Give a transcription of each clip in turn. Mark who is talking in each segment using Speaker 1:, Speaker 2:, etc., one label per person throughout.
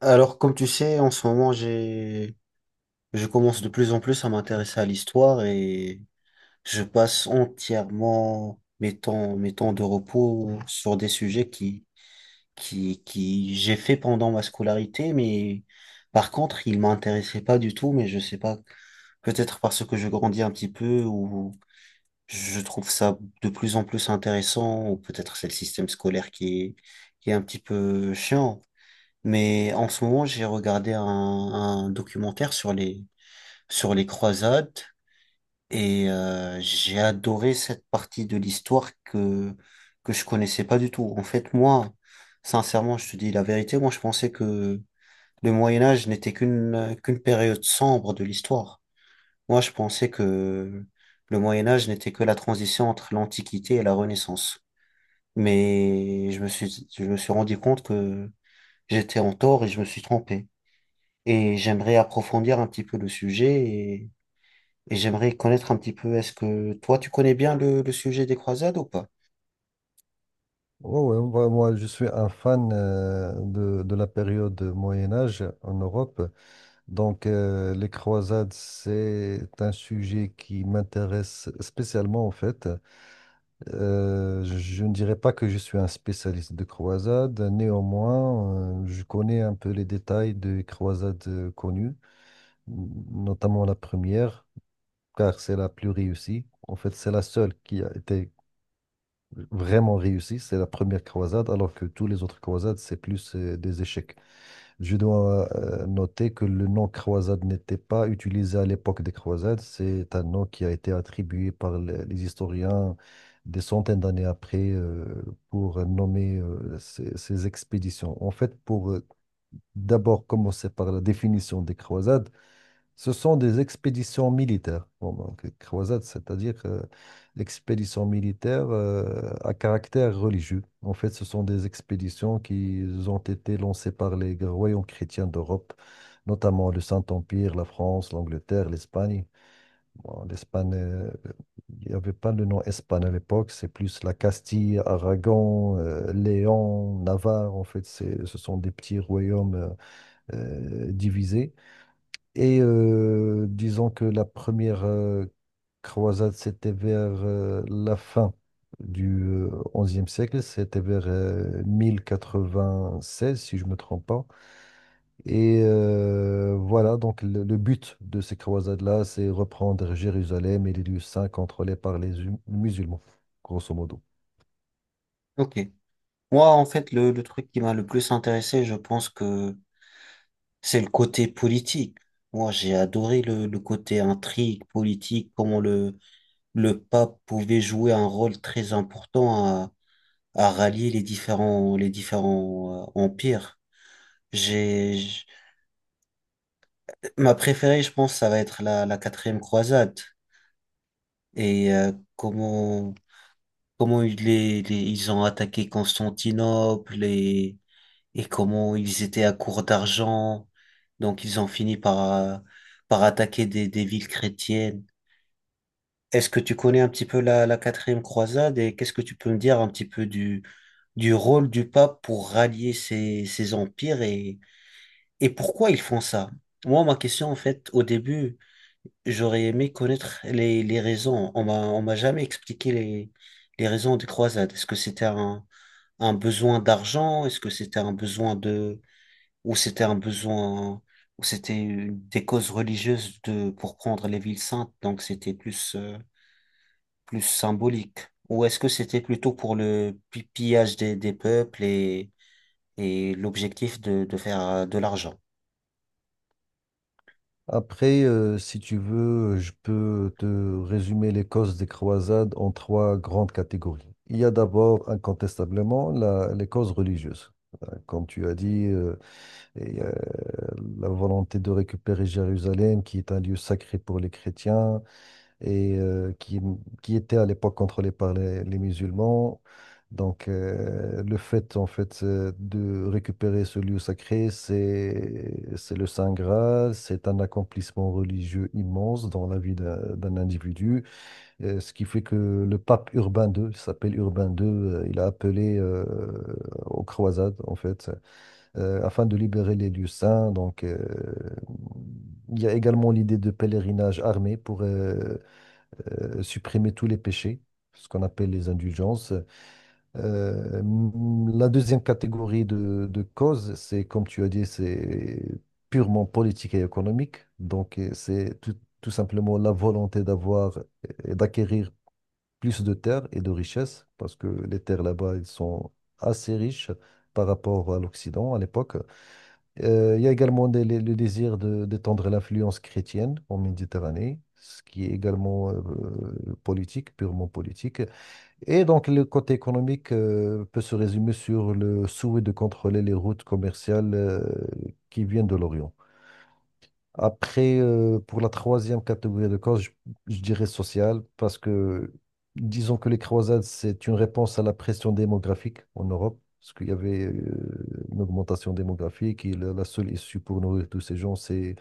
Speaker 1: Alors, comme tu sais, en ce moment, je commence de plus en plus à m'intéresser à l'histoire et je passe entièrement mes temps de repos sur des sujets qui j'ai fait pendant ma scolarité, mais par contre, ils m'intéressaient pas du tout, mais je sais pas, peut-être parce que je grandis un petit peu ou je trouve ça de plus en plus intéressant, ou peut-être c'est le système scolaire qui est un petit peu chiant. Mais en ce moment, j'ai regardé un documentaire sur les croisades et j'ai adoré cette partie de l'histoire que je connaissais pas du tout. En fait, moi, sincèrement, je te dis la vérité, moi, je pensais que le Moyen Âge n'était qu'une période sombre de l'histoire. Moi, je pensais que le Moyen Âge n'était que la transition entre l'Antiquité et la Renaissance. Mais je me suis rendu compte que j'étais en tort et je me suis trompé. Et j'aimerais approfondir un petit peu le sujet et j'aimerais connaître un petit peu, est-ce que toi, tu connais bien le sujet des croisades ou pas?
Speaker 2: Oh, ouais, moi, je suis un fan de la période Moyen Âge en Europe. Donc, les croisades, c'est un sujet qui m'intéresse spécialement, en fait. Je ne dirais pas que je suis un spécialiste de croisades. Néanmoins, je connais un peu les détails des croisades connues, notamment la première, car c'est la plus réussie. En fait, c'est la seule qui a été vraiment réussi, c'est la première croisade, alors que tous les autres croisades, c'est plus des échecs. Je dois noter que le nom croisade n'était pas utilisé à l'époque des croisades, c'est un nom qui a été attribué par les historiens des centaines d'années après pour nommer ces expéditions. En fait, pour d'abord commencer par la définition des croisades, ce sont des expéditions militaires. Bon, donc, croisades, c'est-à-dire expéditions militaires à caractère religieux. En fait, ce sont des expéditions qui ont été lancées par les royaumes chrétiens d'Europe, notamment le Saint-Empire, la France, l'Angleterre, l'Espagne. Bon, l'Espagne, il n'y avait pas le nom Espagne à l'époque, c'est plus la Castille, Aragon, Léon, Navarre. En fait, ce sont des petits royaumes divisés et disons que la première croisade, c'était vers la fin du 11e siècle, c'était vers 1096, si je ne me trompe pas. Et voilà, donc le but de ces croisades-là, c'est reprendre Jérusalem et les lieux saints contrôlés par les musulmans, grosso modo.
Speaker 1: Ok. Moi, en fait, le truc qui m'a le plus intéressé, je pense que c'est le côté politique. Moi, j'ai adoré le côté intrigue politique, comment le pape pouvait jouer un rôle très important à rallier les différents empires. J'ai, j'- Ma préférée, je pense, ça va être la quatrième croisade. Et comment ils ont attaqué Constantinople et comment ils étaient à court d'argent. Donc ils ont fini par attaquer des villes chrétiennes. Est-ce que tu connais un petit peu la quatrième croisade et qu'est-ce que tu peux me dire un petit peu du rôle du pape pour rallier ces empires et pourquoi ils font ça? Moi, ma question, en fait, au début, j'aurais aimé connaître les raisons. On m'a jamais expliqué les raisons des croisades. Est-ce que c'était un besoin d'argent? Est-ce que c'était un besoin de, ou c'était un besoin, ou c'était des causes religieuses de, pour prendre les villes saintes, donc c'était plus symbolique. Ou est-ce que c'était plutôt pour le pillage des peuples et l'objectif de faire de l'argent.
Speaker 2: Après, si tu veux, je peux te résumer les causes des croisades en trois grandes catégories. Il y a d'abord, incontestablement, les causes religieuses. Comme tu as dit, et la volonté de récupérer Jérusalem, qui est un lieu sacré pour les chrétiens, et qui était à l'époque contrôlé par les musulmans. Donc, le fait, en fait, de récupérer ce lieu sacré, c'est le Saint Graal, c'est un accomplissement religieux immense dans la vie d'un individu. Ce qui fait que le pape Urbain II, il s'appelle Urbain II, il a appelé aux croisades, en fait, afin de libérer les lieux saints. Donc, il y a également l'idée de pèlerinage armé pour, supprimer tous les péchés, ce qu'on appelle les indulgences. Euh, la deuxième catégorie de causes, c'est, comme tu as dit, c'est purement politique et économique. Donc, c'est tout simplement la volonté d'avoir et d'acquérir plus de terres et de richesses, parce que les terres là-bas, elles sont assez riches par rapport à l'Occident à l'époque. Il y a également le d'étendre l'influence chrétienne en Méditerranée, ce qui est également politique, purement politique. Et donc le côté économique peut se résumer sur le souhait de contrôler les routes commerciales qui viennent de l'Orient. Après, pour la troisième catégorie de causes, je dirais sociale, parce que disons que les croisades, c'est une réponse à la pression démographique en Europe, parce qu'il y avait une augmentation démographique et la seule issue pour nourrir tous ces gens, c'est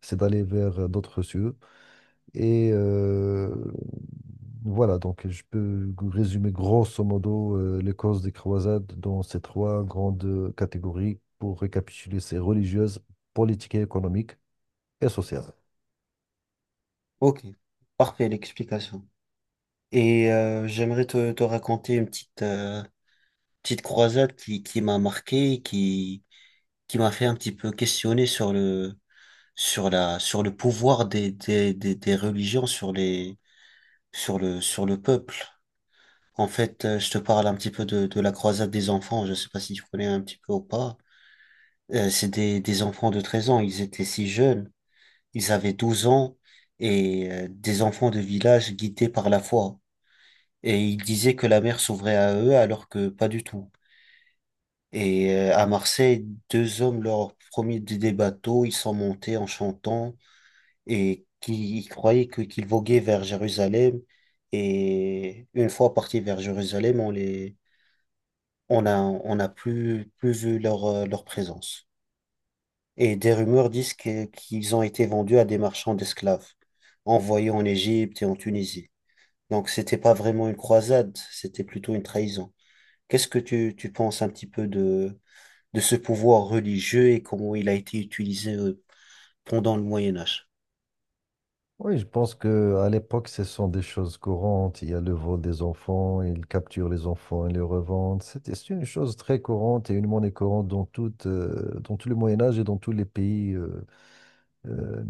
Speaker 2: c'est d'aller vers d'autres cieux. Et voilà, donc je peux résumer grosso modo les causes des croisades dans ces trois grandes catégories pour récapituler, c'est religieuse, politique et économique et sociale.
Speaker 1: Ok, parfait l'explication. Et j'aimerais te raconter une petite croisade qui m'a marqué, qui m'a fait un petit peu questionner sur le pouvoir des religions sur le peuple. En fait, je te parle un petit peu de la croisade des enfants. Je sais pas si tu connais un petit peu ou pas. C'est des enfants de 13 ans. Ils étaient si jeunes. Ils avaient 12 ans et des enfants de village guidés par la foi. Et ils disaient que la mer s'ouvrait à eux alors que pas du tout. Et à Marseille, deux hommes leur ont promis des bateaux. Ils sont montés en chantant et qui ils croyaient qu'ils voguaient vers Jérusalem. Et une fois partis vers Jérusalem, on les on a, on n'a plus vu leur présence. Et des rumeurs disent qu'ils ont été vendus à des marchands d'esclaves, envoyés en Égypte et en Tunisie. Donc, c'était pas vraiment une croisade, c'était plutôt une trahison. Qu'est-ce que tu penses un petit peu de ce pouvoir religieux et comment il a été utilisé pendant le Moyen Âge?
Speaker 2: Oui, je pense que à l'époque, ce sont des choses courantes. Il y a le vol des enfants, ils capturent les enfants et les revendent. C'est une chose très courante et une monnaie courante dans toute, dans tout le Moyen Âge et dans tous les pays. Euh,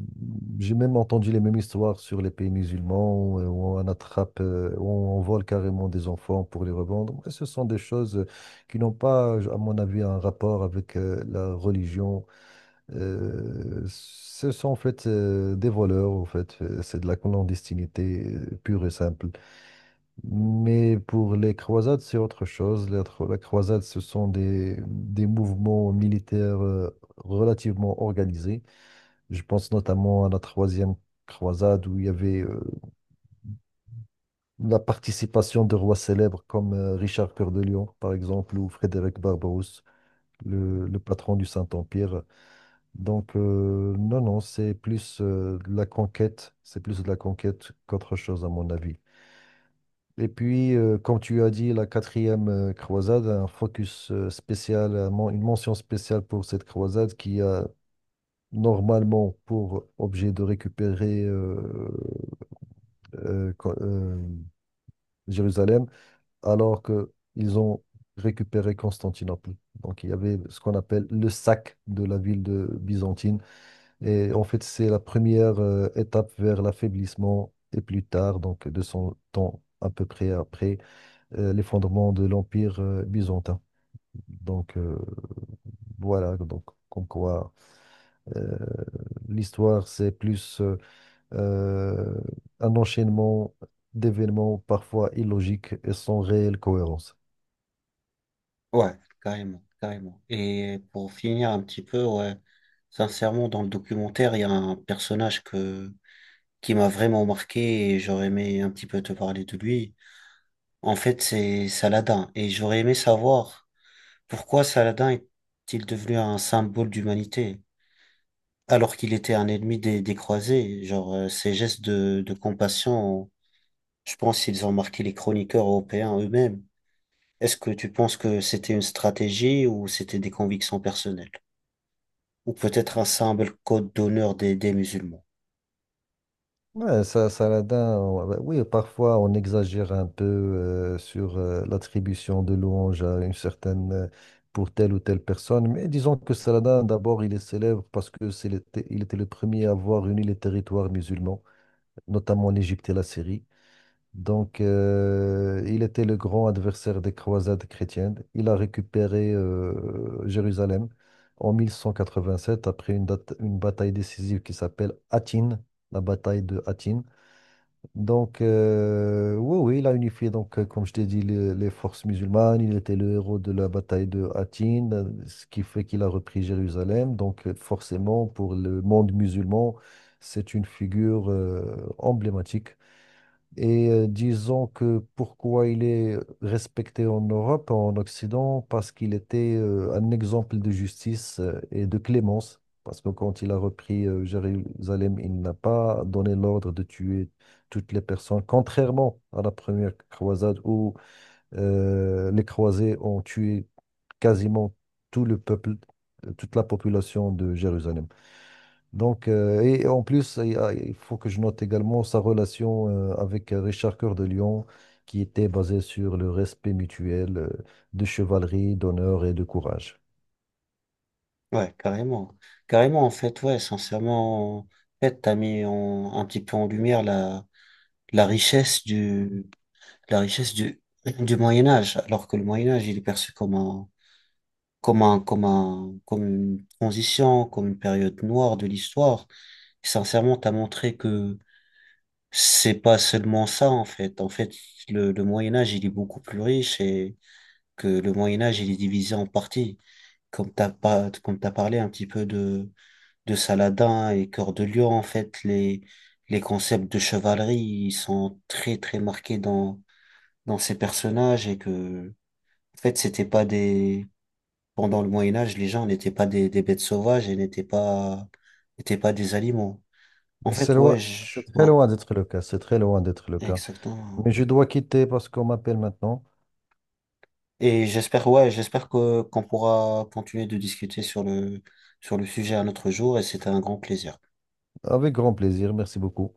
Speaker 2: j'ai même entendu les mêmes histoires sur les pays musulmans où, où on attrape, où on vole carrément des enfants pour les revendre. Mais ce sont des choses qui n'ont pas, à mon avis, un rapport avec la religion ce sont en fait des voleurs, en fait. C'est de la clandestinité pure et simple. Mais pour les croisades, c'est autre chose. La croisade, ce sont des mouvements militaires relativement organisés. Je pense notamment à la troisième croisade où il y avait la participation de rois célèbres comme Richard Cœur de Lion, par exemple, ou Frédéric Barbarousse, le patron du Saint-Empire. Donc, non, c'est plus de la conquête, c'est plus de la conquête qu'autre chose, à mon avis. Et puis, comme tu as dit, la quatrième croisade, un focus spécial, une mention spéciale pour cette croisade qui a normalement pour objet de récupérer euh, Co- euh, Jérusalem, alors que ils ont récupéré Constantinople. Donc, il y avait ce qu'on appelle le sac de la ville de byzantine. Et en fait, c'est la première étape vers l'affaiblissement et plus tard, donc 200 ans à peu près après l'effondrement de l'Empire byzantin. Donc voilà, donc comme quoi euh, l'histoire, c'est plus euh, un enchaînement d'événements parfois illogiques et sans réelle cohérence.
Speaker 1: Ouais, carrément. Et pour finir un petit peu, ouais, sincèrement, dans le documentaire, il y a un personnage que qui m'a vraiment marqué et j'aurais aimé un petit peu te parler de lui. En fait, c'est Saladin et j'aurais aimé savoir pourquoi Saladin est-il devenu un symbole d'humanité alors qu'il était un ennemi des croisés. Genre, ses gestes de compassion, je pense qu'ils ont marqué les chroniqueurs européens eux-mêmes. Est-ce que tu penses que c'était une stratégie ou c'était des convictions personnelles? Ou peut-être un simple code d'honneur des musulmans?
Speaker 2: Ouais, ça, Saladin, bah oui, parfois on exagère un peu sur l'attribution de louanges à une certaine, pour telle ou telle personne, mais disons que Saladin, d'abord, il est célèbre parce que il était le premier à avoir réuni les territoires musulmans, notamment l'Égypte et la Syrie. Donc, il était le grand adversaire des croisades chrétiennes. Il a récupéré Jérusalem en 1187 après une bataille décisive qui s'appelle Hattin, la bataille de Hattin. Donc, oui, oui, il a unifié, donc, comme je t'ai dit, les forces musulmanes. Il était le héros de la bataille de Hattin, ce qui fait qu'il a repris Jérusalem. Donc, forcément, pour le monde musulman, c'est une figure, emblématique. Et disons que pourquoi il est respecté en Europe, en Occident, parce qu'il était un exemple de justice et de clémence. Parce que quand il a repris Jérusalem, il n'a pas donné l'ordre de tuer toutes les personnes, contrairement à la première croisade où les croisés ont tué quasiment tout le peuple, toute la population de Jérusalem. Donc, et en plus, il faut que je note également sa relation avec Richard Cœur de Lion, qui était basée sur le respect mutuel de chevalerie, d'honneur et de courage.
Speaker 1: Ouais, carrément. Carrément, en fait, ouais, sincèrement, en fait, t'as mis un petit peu en lumière la richesse du, la richesse du Moyen Âge, alors que le Moyen Âge, il est perçu comme une transition, comme une période noire de l'histoire. Et sincèrement, t'as montré que c'est pas seulement ça, en fait. En fait, le Moyen Âge, il est beaucoup plus riche et que le Moyen Âge, il est divisé en parties. Comme t'as pas, comme t'as parlé un petit peu de Saladin et Cœur de Lion, en fait, les concepts de chevalerie, ils sont très, très marqués dans ces personnages et que, en fait, c'était pas des, pendant le Moyen-Âge, les gens n'étaient pas des bêtes sauvages et n'étaient pas des animaux. En
Speaker 2: C'est
Speaker 1: fait,
Speaker 2: loin, c'est très
Speaker 1: ouais,
Speaker 2: loin d'être le cas, c'est très loin d'être le cas.
Speaker 1: exactement.
Speaker 2: Mais je dois quitter parce qu'on m'appelle maintenant.
Speaker 1: Et j'espère, ouais, qu'on pourra continuer de discuter sur le sujet un autre jour et c'était un grand plaisir.
Speaker 2: Avec grand plaisir, merci beaucoup.